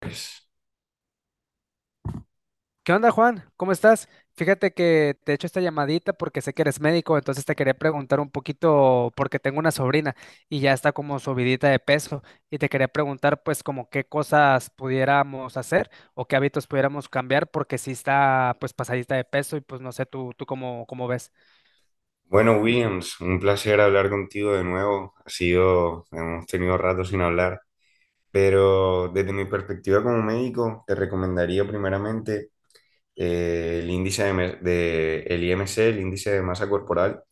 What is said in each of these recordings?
Pues. ¿Qué onda, Juan? ¿Cómo estás? Fíjate que te echo esta llamadita porque sé que eres médico, entonces te quería preguntar un poquito porque tengo una sobrina y ya está como subidita de peso, y te quería preguntar pues como qué cosas pudiéramos hacer o qué hábitos pudiéramos cambiar porque sí está pues pasadita de peso y pues no sé tú cómo ves. Bueno, Williams, un placer hablar contigo de nuevo. Hemos tenido rato sin hablar, pero desde mi perspectiva como médico, te recomendaría primeramente el IMC, el índice de masa corporal.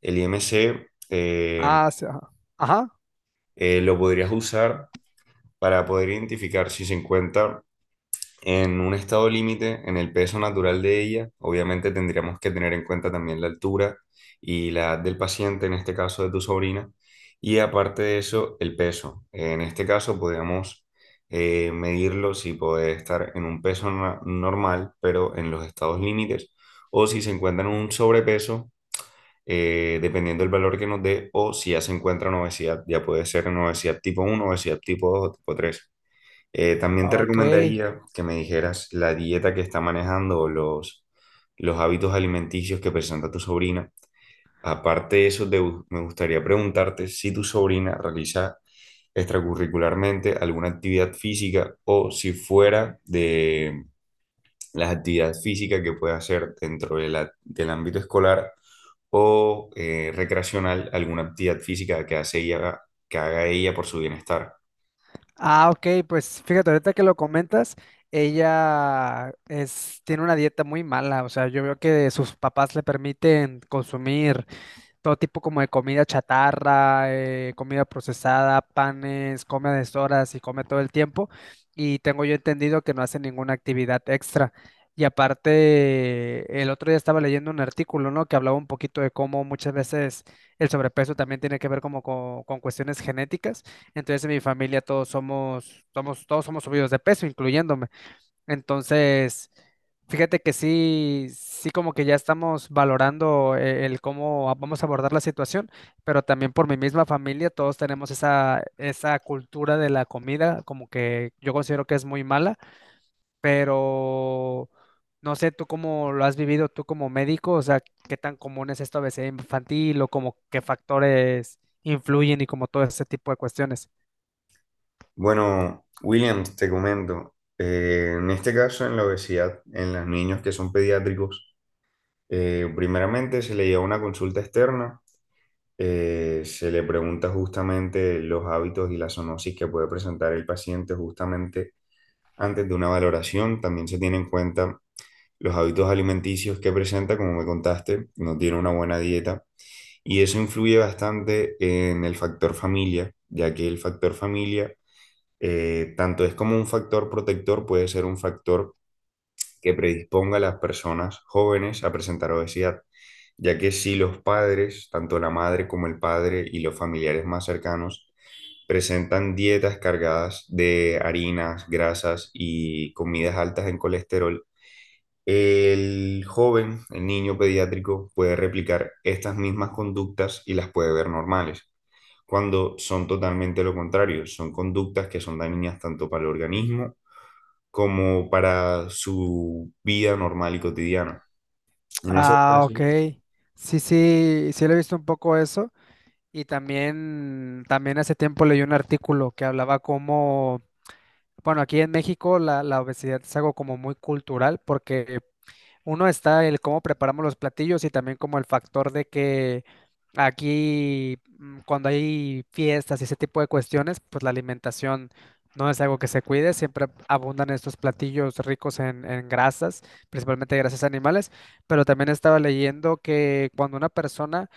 El IMC Ah, sí, ajá. Ajá. Lo podrías usar para poder identificar si se encuentra en un estado límite, en el peso natural de ella. Obviamente tendríamos que tener en cuenta también la altura y la edad del paciente, en este caso de tu sobrina, y aparte de eso, el peso. En este caso, podríamos medirlo si puede estar en un peso normal, pero en los estados límites, o si se encuentra en un sobrepeso, dependiendo del valor que nos dé, o si ya se encuentra en obesidad. Ya puede ser en obesidad tipo uno, obesidad tipo 2, o tipo 3. También te Ok. recomendaría que me dijeras la dieta que está manejando o los hábitos alimenticios que presenta tu sobrina. Aparte de eso, me gustaría preguntarte si tu sobrina realiza extracurricularmente alguna actividad física, o si fuera de las actividades físicas que puede hacer dentro de del ámbito escolar o recreacional, alguna actividad física que hace ella, que haga ella por su bienestar. Ah, ok, pues fíjate, ahorita que lo comentas, ella es, tiene una dieta muy mala, o sea, yo veo que sus papás le permiten consumir todo tipo como de comida chatarra, comida procesada, panes, come a deshoras y come todo el tiempo. Y tengo yo entendido que no hace ninguna actividad extra. Y aparte, el otro día estaba leyendo un artículo, ¿no? Que hablaba un poquito de cómo muchas veces el sobrepeso también tiene que ver como con cuestiones genéticas. Entonces, en mi familia todos somos subidos de peso, incluyéndome. Entonces, fíjate que sí, sí como que ya estamos valorando el cómo vamos a abordar la situación, pero también por mi misma familia, todos tenemos esa cultura de la comida, como que yo considero que es muy mala, pero no sé tú cómo lo has vivido tú como médico, o sea, qué tan común es esta obesidad infantil o como qué factores influyen y como todo ese tipo de cuestiones. Bueno, Williams, te comento, en este caso en la obesidad, en los niños que son pediátricos, primeramente se le lleva una consulta externa. Se le pregunta justamente los hábitos y la zoonosis que puede presentar el paciente justamente antes de una valoración. También se tiene en cuenta los hábitos alimenticios que presenta. Como me contaste, no tiene una buena dieta y eso influye bastante en el factor familia, ya que el factor familia, tanto es como un factor protector, puede ser un factor que predisponga a las personas jóvenes a presentar obesidad, ya que si los padres, tanto la madre como el padre y los familiares más cercanos, presentan dietas cargadas de harinas, grasas y comidas altas en colesterol, el joven, el niño pediátrico, puede replicar estas mismas conductas y las puede ver normales, cuando son totalmente lo contrario. Son conductas que son dañinas tanto para el organismo como para su vida normal y cotidiana. En esos Ah, casos. ok. Sí, sí, sí lo he visto un poco eso. Y también, también hace tiempo leí un artículo que hablaba como, bueno, aquí en México la obesidad es algo como muy cultural porque uno está el cómo preparamos los platillos y también como el factor de que aquí cuando hay fiestas y ese tipo de cuestiones, pues la alimentación no es algo que se cuide, siempre abundan estos platillos ricos en grasas, principalmente grasas animales, pero también estaba leyendo que cuando una persona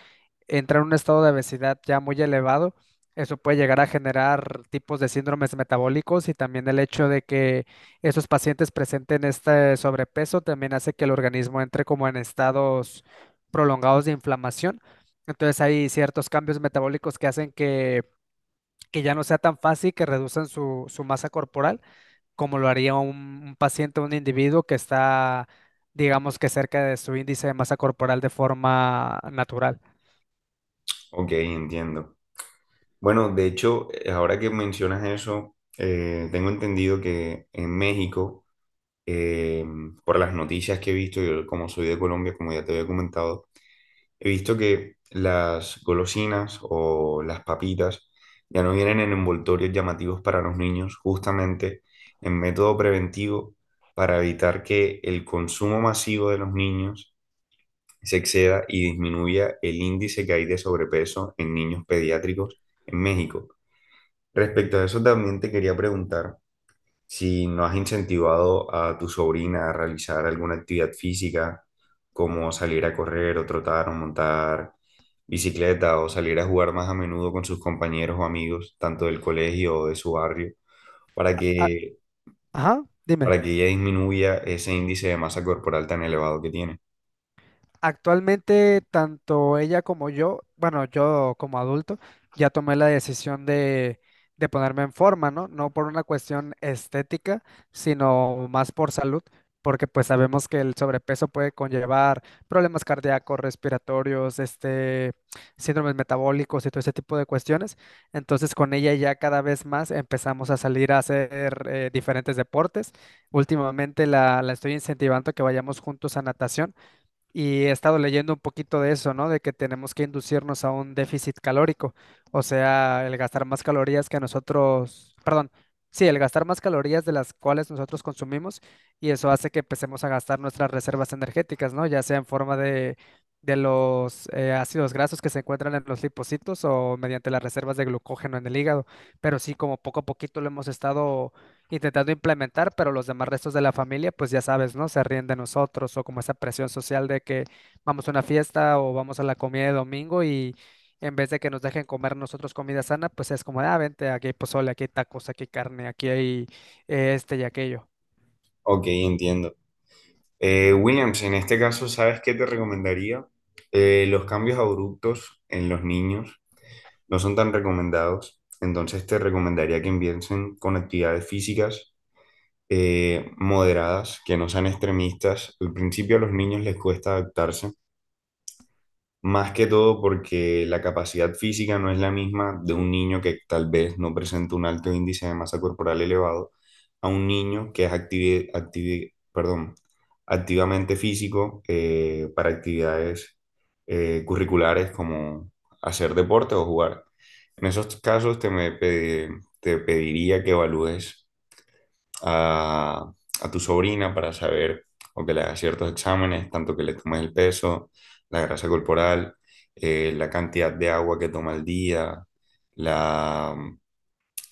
entrar en un estado de obesidad ya muy elevado, eso puede llegar a generar tipos de síndromes metabólicos, y también el hecho de que esos pacientes presenten este sobrepeso también hace que el organismo entre como en estados prolongados de inflamación. Entonces hay ciertos cambios metabólicos que hacen que ya no sea tan fácil que reduzcan su masa corporal como lo haría un paciente, un individuo que está, digamos que cerca de su índice de masa corporal de forma natural. Ok, entiendo. Bueno, de hecho, ahora que mencionas eso, tengo entendido que en México, eh, por las noticias que he visto, yo como soy de Colombia, como ya te había comentado, he visto que las golosinas o las papitas ya no vienen en envoltorios llamativos para los niños, justamente en método preventivo para evitar que el consumo masivo de los niños se exceda y disminuya el índice que hay de sobrepeso en niños pediátricos en México. Respecto a eso, también te quería preguntar si no has incentivado a tu sobrina a realizar alguna actividad física, como salir a correr o trotar o montar bicicleta o salir a jugar más a menudo con sus compañeros o amigos, tanto del colegio o de su barrio, para A- que, Ajá, para dime. que ella disminuya ese índice de masa corporal tan elevado que tiene. Actualmente, tanto ella como yo, bueno, yo como adulto, ya tomé la decisión de ponerme en forma, ¿no? No por una cuestión estética, sino más por salud, porque pues sabemos que el sobrepeso puede conllevar problemas cardíacos, respiratorios, este, síndromes metabólicos y todo ese tipo de cuestiones. Entonces, con ella ya cada vez más empezamos a salir a hacer diferentes deportes. Últimamente la estoy incentivando a que vayamos juntos a natación y he estado leyendo un poquito de eso, ¿no? De que tenemos que inducirnos a un déficit calórico, o sea, el gastar más calorías que nosotros, perdón, sí, el gastar más calorías de las cuales nosotros consumimos, y eso hace que empecemos a gastar nuestras reservas energéticas, ¿no? Ya sea en forma de los ácidos grasos que se encuentran en los lipocitos o mediante las reservas de glucógeno en el hígado, pero sí, como poco a poquito lo hemos estado intentando implementar, pero los demás restos de la familia, pues ya sabes, ¿no? Se ríen de nosotros o como esa presión social de que vamos a una fiesta o vamos a la comida de domingo, y en vez de que nos dejen comer nosotros comida sana, pues es como, ah, vente, aquí hay pozole, aquí hay tacos, aquí hay carne, aquí hay este y aquello. Ok, entiendo. Williams, en este caso, ¿sabes qué te recomendaría? Los cambios abruptos en los niños no son tan recomendados, entonces te recomendaría que empiecen con actividades físicas moderadas, que no sean extremistas. Al principio a los niños les cuesta adaptarse, más que todo porque la capacidad física no es la misma de un niño que tal vez no presenta un alto índice de masa corporal elevado, a un niño que es perdón, activamente físico para actividades curriculares como hacer deporte o jugar. En esos casos te pediría que evalúes a, a tu sobrina para saber, o que le hagas ciertos exámenes, tanto que le tomes el peso, la grasa corporal, la cantidad de agua que toma al día, la,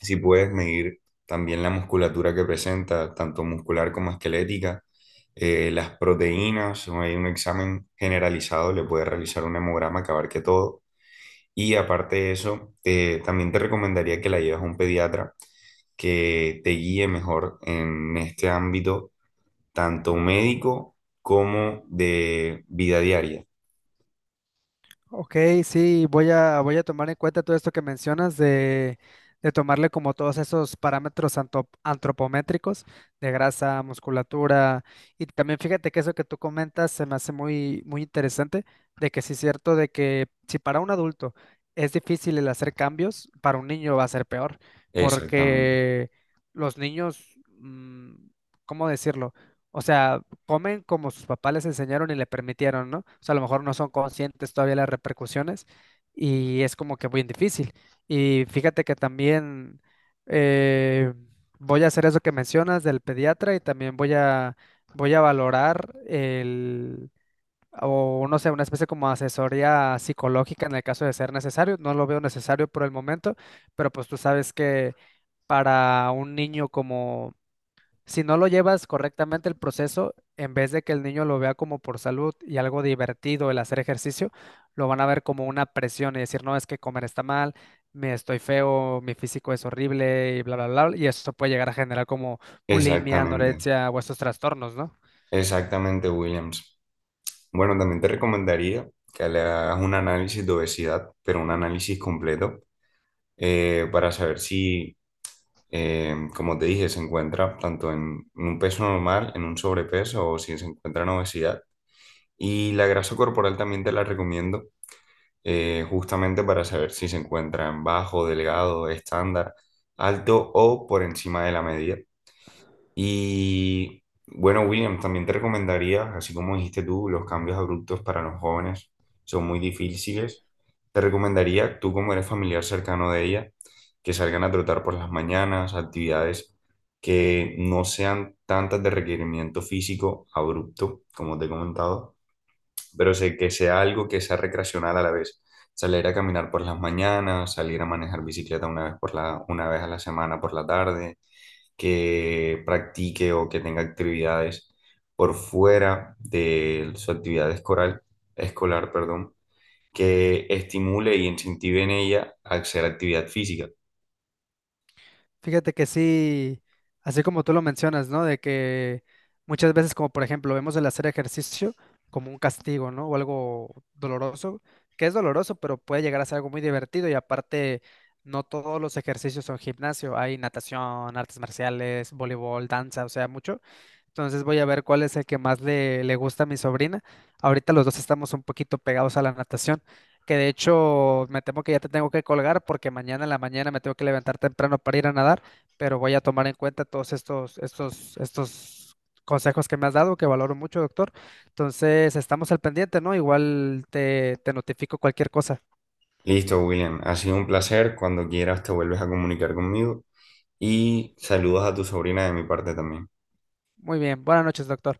si puedes medir también la musculatura que presenta, tanto muscular como esquelética, las proteínas. Hay un examen generalizado, le puedes realizar un hemograma que abarque todo. Y aparte de eso, también te recomendaría que la lleves a un pediatra que te guíe mejor en este ámbito, tanto médico como de vida diaria. Ok, sí, voy voy a tomar en cuenta todo esto que mencionas de tomarle como todos esos parámetros antropométricos de grasa, musculatura, y también fíjate que eso que tú comentas se me hace muy interesante, de que sí es cierto de que si para un adulto es difícil el hacer cambios, para un niño va a ser peor, Exactamente, porque los niños, ¿cómo decirlo? O sea, comen como sus papás les enseñaron y le permitieron, ¿no? O sea, a lo mejor no son conscientes todavía las repercusiones y es como que muy difícil. Y fíjate que también eh, voy a hacer eso que mencionas del pediatra y también voy voy a valorar el, o no sé, una especie como asesoría psicológica en el caso de ser necesario. No lo veo necesario por el momento, pero pues tú sabes que para un niño como si no lo llevas correctamente el proceso, en vez de que el niño lo vea como por salud y algo divertido el hacer ejercicio, lo van a ver como una presión y decir, no, es que comer está mal, me estoy feo, mi físico es horrible y bla, bla, bla. Y eso puede llegar a generar como bulimia, exactamente, anorexia o estos trastornos, ¿no? exactamente, Williams. Bueno, también te recomendaría que le hagas un análisis de obesidad, pero un análisis completo, para saber si, como te dije, se encuentra tanto en un peso normal, en un sobrepeso o si se encuentra en obesidad. Y la grasa corporal también te la recomiendo, justamente para saber si se encuentran bajo, delgado, estándar, alto o por encima de la medida. Y bueno, William, también te recomendaría, así como dijiste tú, los cambios abruptos para los jóvenes son muy difíciles. Te recomendaría, tú como eres familiar cercano de ella, que salgan a trotar por las mañanas, actividades que no sean tantas de requerimiento físico abrupto, como te he comentado, pero sé que sea algo que sea recreacional a la vez. Salir a caminar por las mañanas, salir a manejar bicicleta una vez, una vez a la semana por la tarde, que practique o que tenga actividades por fuera de su actividad escolar, escolar, perdón, que estimule y incentive en ella a hacer actividad física. Fíjate que sí, así como tú lo mencionas, ¿no? De que muchas veces, como por ejemplo, vemos el hacer ejercicio como un castigo, ¿no? O algo doloroso, que es doloroso, pero puede llegar a ser algo muy divertido y aparte, no todos los ejercicios son gimnasio, hay natación, artes marciales, voleibol, danza, o sea, mucho. Entonces voy a ver cuál es el que más le gusta a mi sobrina. Ahorita los dos estamos un poquito pegados a la natación, que de hecho me temo que ya te tengo que colgar porque mañana en la mañana me tengo que levantar temprano para ir a nadar, pero voy a tomar en cuenta todos estos consejos que me has dado, que valoro mucho, doctor. Entonces estamos al pendiente, ¿no? Igual te notifico cualquier cosa. Listo, William, ha sido un placer. Cuando quieras te vuelves a comunicar conmigo, y saludos a tu sobrina de mi parte también. Muy bien, buenas noches, doctor.